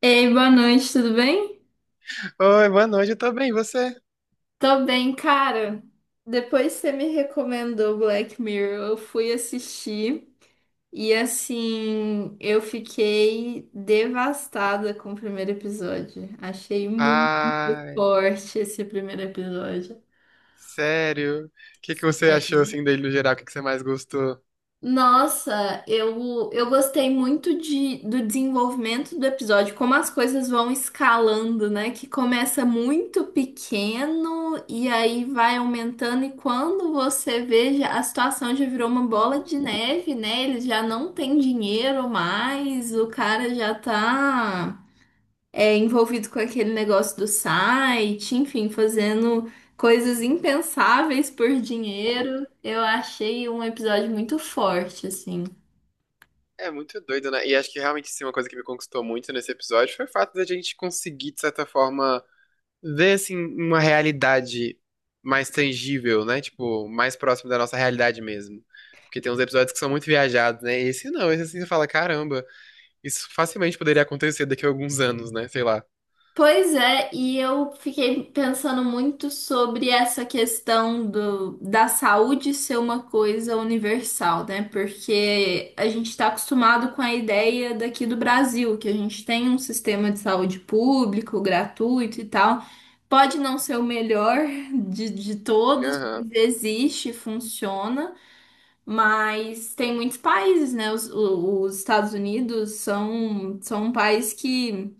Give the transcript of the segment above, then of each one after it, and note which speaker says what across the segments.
Speaker 1: Ei, boa noite, tudo bem?
Speaker 2: Oi, boa noite, eu tô bem, e você?
Speaker 1: Tô bem, cara. Depois que você me recomendou Black Mirror, eu fui assistir e assim, eu fiquei devastada com o primeiro episódio. Achei muito
Speaker 2: Ai,
Speaker 1: forte esse primeiro episódio.
Speaker 2: sério? O que que você achou, assim, dele no geral? O que que você mais gostou?
Speaker 1: Nossa, eu gostei muito do desenvolvimento do episódio, como as coisas vão escalando, né? Que começa muito pequeno e aí vai aumentando, e quando você vê, a situação já virou uma bola de neve, né? Ele já não tem dinheiro mais, o cara já tá envolvido com aquele negócio do site, enfim, fazendo coisas impensáveis por dinheiro. Eu achei um episódio muito forte, assim.
Speaker 2: É muito doido, né? E acho que realmente, sim, uma coisa que me conquistou muito nesse episódio foi o fato da gente conseguir, de certa forma, ver, assim, uma realidade mais tangível, né? Tipo, mais próximo da nossa realidade mesmo. Porque tem uns episódios que são muito viajados, né? Esse não, esse assim, você fala, caramba, isso facilmente poderia acontecer daqui a alguns anos, né? Sei lá.
Speaker 1: Pois é, e eu fiquei pensando muito sobre essa questão da saúde ser uma coisa universal, né? Porque a gente está acostumado com a ideia daqui do Brasil, que a gente tem um sistema de saúde público, gratuito e tal. Pode não ser o melhor de todos,
Speaker 2: Aham.
Speaker 1: mas existe, funciona, mas tem muitos países, né? Os Estados Unidos são um país que.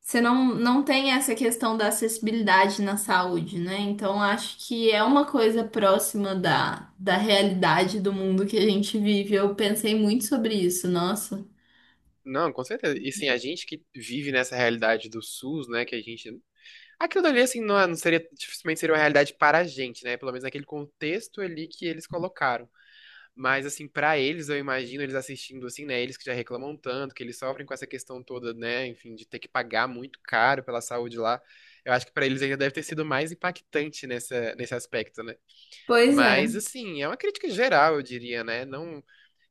Speaker 1: Você não tem essa questão da acessibilidade na saúde, né? Então, acho que é uma coisa próxima da realidade do mundo que a gente vive. Eu pensei muito sobre isso, nossa.
Speaker 2: Não, com certeza. E sim, a gente que vive nessa realidade do SUS, né, que a gente. Aquilo dali, assim, não, não seria, dificilmente seria uma realidade para a gente, né? Pelo menos naquele contexto ali que eles colocaram. Mas, assim, para eles, eu imagino eles assistindo, assim, né? Eles que já reclamam tanto, que eles sofrem com essa questão toda, né? Enfim, de ter que pagar muito caro pela saúde lá. Eu acho que para eles ainda deve ter sido mais impactante nessa, nesse aspecto, né?
Speaker 1: Pois é.
Speaker 2: Mas, assim, é uma crítica geral, eu diria, né? Não,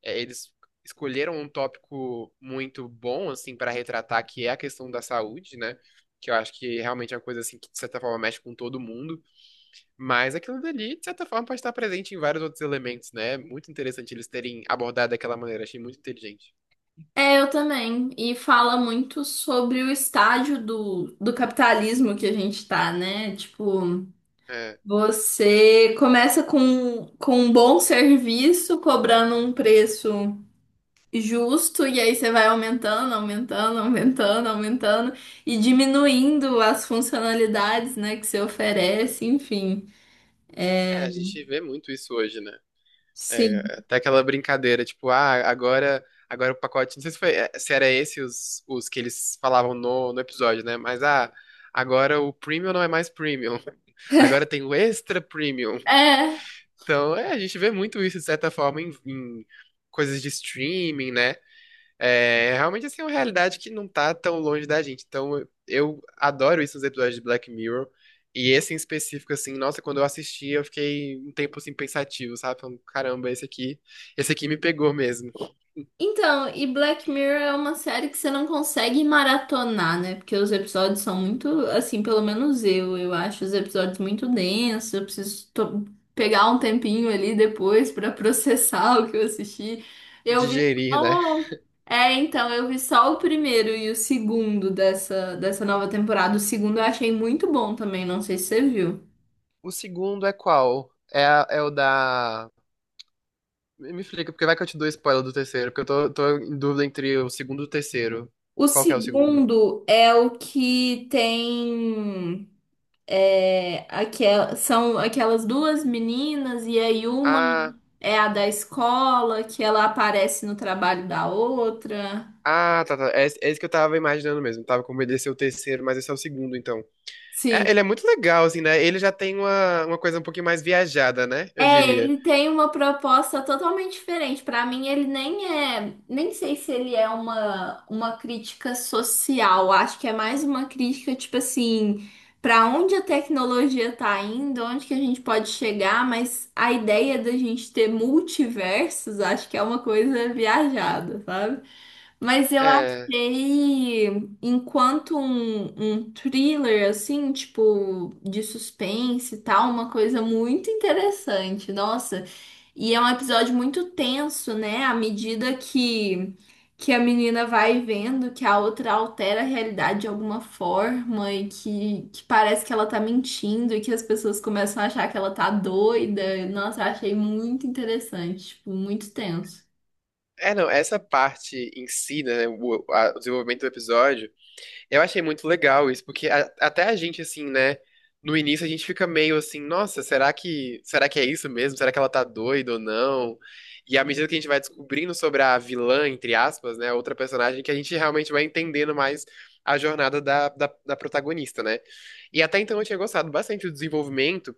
Speaker 2: é, eles escolheram um tópico muito bom, assim, para retratar, que é a questão da saúde, né? Que eu acho que realmente é uma coisa, assim, que de certa forma mexe com todo mundo. Mas aquilo dali, de certa forma, pode estar presente em vários outros elementos, né? Muito interessante eles terem abordado daquela maneira, achei muito inteligente.
Speaker 1: É, eu também. E fala muito sobre o estágio do capitalismo que a gente tá, né? Tipo,
Speaker 2: É,
Speaker 1: você começa com um bom serviço, cobrando um preço justo, e aí você vai aumentando, aumentando, aumentando, aumentando e diminuindo as funcionalidades, né, que você oferece, enfim.
Speaker 2: é, a gente vê muito isso hoje, né? É,
Speaker 1: Sim.
Speaker 2: até aquela brincadeira, tipo, ah, agora o pacote. Não sei se foi, se era esse os que eles falavam no episódio, né? Mas ah, agora o premium não é mais premium. Agora tem o extra premium.
Speaker 1: É,
Speaker 2: Então, é, a gente vê muito isso, de certa forma, em coisas de streaming, né? É realmente assim é uma realidade que não tá tão longe da gente. Então eu adoro isso nos episódios de Black Mirror. E esse em específico, assim, nossa, quando eu assisti, eu fiquei um tempo assim pensativo, sabe? Falando, caramba, esse aqui me pegou mesmo.
Speaker 1: então, e Black Mirror é uma série que você não consegue maratonar, né? Porque os episódios são muito, assim, pelo menos eu acho os episódios muito densos, eu preciso pegar um tempinho ali depois pra processar o que eu assisti. Eu vi
Speaker 2: Digerir, né?
Speaker 1: só... É, então, eu vi só o primeiro e o segundo dessa nova temporada. O segundo eu achei muito bom também, não sei se você viu.
Speaker 2: O segundo é qual? É, é o da. Me explica, porque vai que eu te dou spoiler do terceiro, porque eu tô em dúvida entre o segundo e o terceiro.
Speaker 1: O
Speaker 2: Qual que é o segundo?
Speaker 1: segundo é o que tem. É, são aquelas duas meninas, e aí uma
Speaker 2: Ah,
Speaker 1: é a da escola, que ela aparece no trabalho da outra.
Speaker 2: ah, tá, tá. É esse que eu tava imaginando mesmo. Tava com medo de ser o terceiro, mas esse é o segundo, então. É,
Speaker 1: Sim.
Speaker 2: ele é muito legal, assim, né? Ele já tem uma coisa um pouquinho mais viajada, né? Eu
Speaker 1: É,
Speaker 2: diria.
Speaker 1: ele tem uma proposta totalmente diferente. Para mim, ele nem é, nem sei se ele é uma crítica social. Acho que é mais uma crítica, tipo assim, para onde a tecnologia tá indo, onde que a gente pode chegar, mas a ideia da gente ter multiversos, acho que é uma coisa viajada, sabe? Mas eu
Speaker 2: É,
Speaker 1: achei, enquanto um thriller, assim, tipo, de suspense e tal, uma coisa muito interessante, nossa. E é um episódio muito tenso, né? Que a menina vai vendo que a outra altera a realidade de alguma forma e que parece que ela tá mentindo e que as pessoas começam a achar que ela tá doida. Nossa, eu achei muito interessante, tipo, muito tenso.
Speaker 2: é não, essa parte em si, né? O desenvolvimento do episódio. Eu achei muito legal isso, porque até a gente, assim, né? No início a gente fica meio assim, nossa, será que é isso mesmo? Será que ela tá doida ou não? E à medida que a gente vai descobrindo sobre a vilã, entre aspas, né? Outra personagem, que a gente realmente vai entendendo mais a jornada da protagonista, né? E até então eu tinha gostado bastante do desenvolvimento.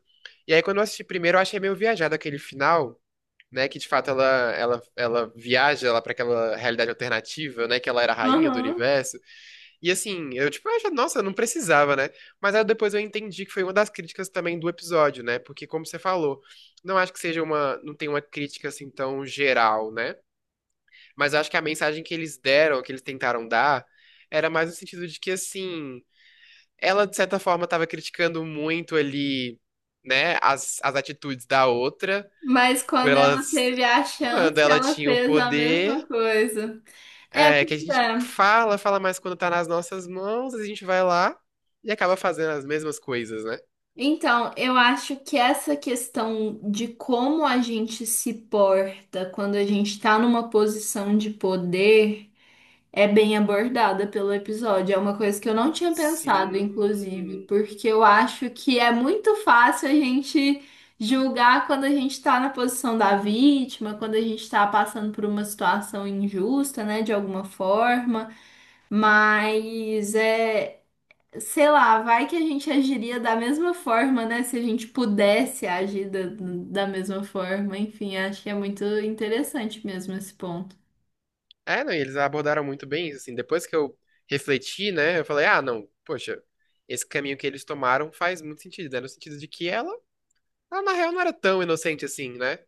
Speaker 2: E aí quando eu assisti primeiro, eu achei meio viajado aquele final, né? Que de fato ela viaja lá pra aquela realidade alternativa, né? Que ela era a rainha do
Speaker 1: Aham.
Speaker 2: universo. E assim, eu tipo, acho, nossa, não precisava, né? Mas aí depois eu entendi que foi uma das críticas também do episódio, né? Porque como você falou, não acho que seja uma, não tem uma crítica assim tão geral, né? Mas eu acho que a mensagem que eles deram, que eles tentaram dar, era mais no sentido de que assim, ela de certa forma estava criticando muito ali, né, as atitudes da outra,
Speaker 1: Mas
Speaker 2: por
Speaker 1: quando ela
Speaker 2: elas
Speaker 1: teve a
Speaker 2: quando
Speaker 1: chance,
Speaker 2: ela
Speaker 1: ela
Speaker 2: tinha o
Speaker 1: fez a mesma
Speaker 2: poder,
Speaker 1: coisa. É,
Speaker 2: é, que a
Speaker 1: pois
Speaker 2: gente
Speaker 1: é.
Speaker 2: fala, fala mais quando tá nas nossas mãos, a gente vai lá e acaba fazendo as mesmas coisas, né?
Speaker 1: Então, eu acho que essa questão de como a gente se porta quando a gente tá numa posição de poder é bem abordada pelo episódio. É uma coisa que eu não tinha pensado, inclusive,
Speaker 2: Sim.
Speaker 1: porque eu acho que é muito fácil a gente julgar quando a gente tá na posição da vítima, quando a gente tá passando por uma situação injusta, né, de alguma forma. Mas é, sei lá, vai que a gente agiria da mesma forma, né? Se a gente pudesse agir da mesma forma. Enfim, acho que é muito interessante mesmo esse ponto.
Speaker 2: É, não, e eles abordaram muito bem isso, assim. Depois que eu refleti, né, eu falei, ah, não, poxa, esse caminho que eles tomaram faz muito sentido, né? No sentido de que ela na real não era tão inocente assim, né?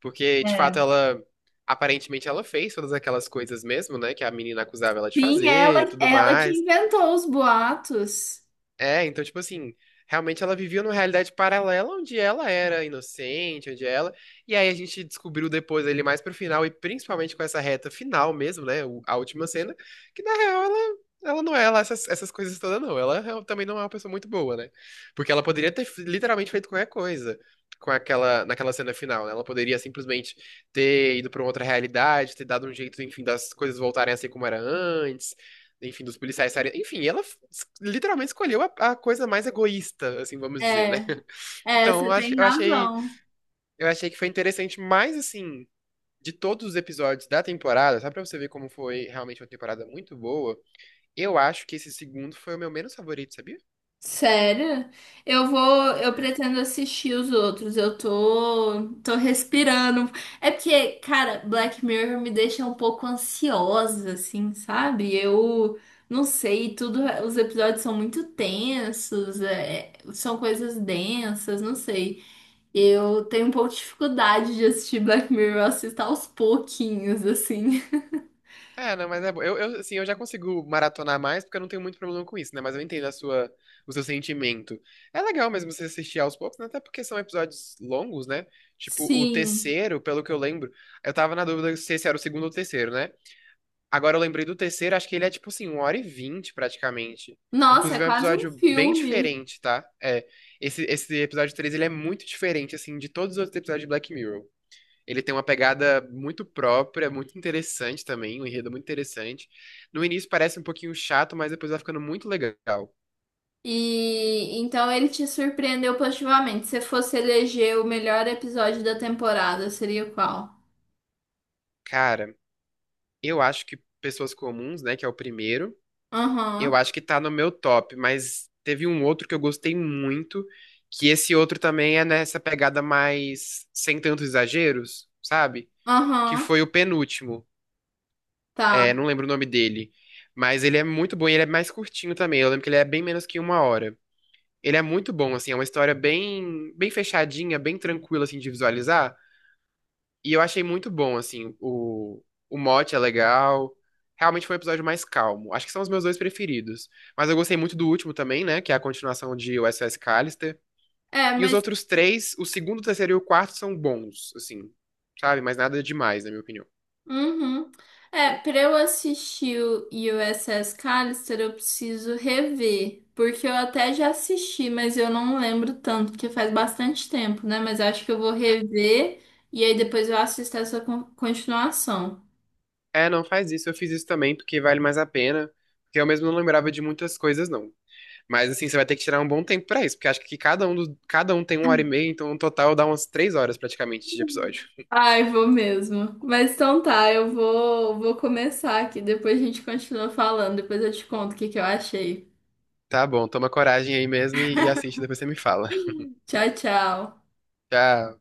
Speaker 2: Porque, de
Speaker 1: É.
Speaker 2: fato, ela, aparentemente, ela fez todas aquelas coisas mesmo, né, que a menina acusava ela de
Speaker 1: Sim,
Speaker 2: fazer e tudo
Speaker 1: ela que
Speaker 2: mais.
Speaker 1: inventou os boatos.
Speaker 2: É, então, tipo assim, realmente ela vivia numa realidade paralela onde ela era inocente, onde ela. E aí a gente descobriu depois ali mais pro final, e principalmente com essa reta final mesmo, né? A última cena, que na real ela não é lá essas, coisas todas, não. Ela também não é uma pessoa muito boa, né? Porque ela poderia ter literalmente feito qualquer coisa com aquela, naquela cena final, né? Ela poderia simplesmente ter ido pra uma outra realidade, ter dado um jeito, enfim, das coisas voltarem a ser como era antes enfim, dos policiais estarem. Enfim, ela literalmente escolheu a coisa mais egoísta, assim, vamos dizer, né?
Speaker 1: É, é,
Speaker 2: Então,
Speaker 1: você
Speaker 2: eu ach-
Speaker 1: tem
Speaker 2: eu achei,
Speaker 1: razão.
Speaker 2: eu achei que foi interessante, mas assim, de todos os episódios da temporada, só pra você ver como foi realmente uma temporada muito boa, eu acho que esse segundo foi o meu menos favorito, sabia?
Speaker 1: Sério? Eu vou, eu pretendo assistir os outros. Eu tô, tô respirando. É porque, cara, Black Mirror me deixa um pouco ansiosa, assim, sabe? Eu não sei, tudo, os episódios são muito tensos, é, são coisas densas, não sei. Eu tenho um pouco de dificuldade de assistir Black Mirror, eu assisto aos pouquinhos, assim.
Speaker 2: É, não, mas é bom. Assim, eu já consigo maratonar mais porque eu não tenho muito problema com isso, né? Mas eu entendo a sua, o seu sentimento. É legal mesmo você assistir aos poucos, né? Até porque são episódios longos, né? Tipo, o
Speaker 1: Sim.
Speaker 2: terceiro, pelo que eu lembro, eu tava na dúvida se esse era o segundo ou o terceiro, né? Agora eu lembrei do terceiro, acho que ele é tipo assim, 1h20, praticamente.
Speaker 1: Nossa, é
Speaker 2: Inclusive é um
Speaker 1: quase um
Speaker 2: episódio bem
Speaker 1: filme.
Speaker 2: diferente, tá? É, esse episódio 3 ele é muito diferente, assim, de todos os outros episódios de Black Mirror. Ele tem uma pegada muito própria, muito interessante também, um enredo muito interessante. No início parece um pouquinho chato, mas depois vai ficando muito legal.
Speaker 1: E então ele te surpreendeu positivamente. Se fosse eleger o melhor episódio da temporada, seria qual?
Speaker 2: Cara, eu acho que Pessoas Comuns, né, que é o primeiro, eu
Speaker 1: Aham,
Speaker 2: acho que tá no meu top, mas teve um outro que eu gostei muito, que esse outro também é nessa pegada mais sem tantos exageros, sabe? Que
Speaker 1: aham,
Speaker 2: foi o penúltimo. É,
Speaker 1: tá.
Speaker 2: não lembro o nome dele. Mas ele é muito bom e ele é mais curtinho também. Eu lembro que ele é bem menos que uma hora. Ele é muito bom, assim, é uma história bem, bem fechadinha, bem tranquila, assim, de visualizar. E eu achei muito bom, assim, o mote é legal. Realmente foi um episódio mais calmo. Acho que são os meus dois preferidos. Mas eu gostei muito do último também, né, que é a continuação de USS Callister.
Speaker 1: É,
Speaker 2: E os
Speaker 1: mas.
Speaker 2: outros três, o segundo, o terceiro e o quarto são bons, assim, sabe? Mas nada demais, na minha opinião.
Speaker 1: Uhum. É, pra eu assistir o USS Callister, eu preciso rever. Porque eu até já assisti, mas eu não lembro tanto, porque faz bastante tempo, né? Mas acho que eu vou rever e aí depois eu assisto essa continuação.
Speaker 2: É, não faz isso, eu fiz isso também, porque vale mais a pena. Porque eu mesmo não lembrava de muitas coisas, não. Mas assim, você vai ter que tirar um bom tempo pra isso, porque acho que cada um tem uma hora e meia, então no total dá umas 3 horas praticamente de episódio.
Speaker 1: Ai, vou mesmo. Mas então tá, eu vou, vou começar aqui. Depois a gente continua falando. Depois eu te conto o que que eu achei.
Speaker 2: Tá bom, toma coragem aí mesmo e assiste, depois você me fala.
Speaker 1: Tchau, tchau.
Speaker 2: Tchau.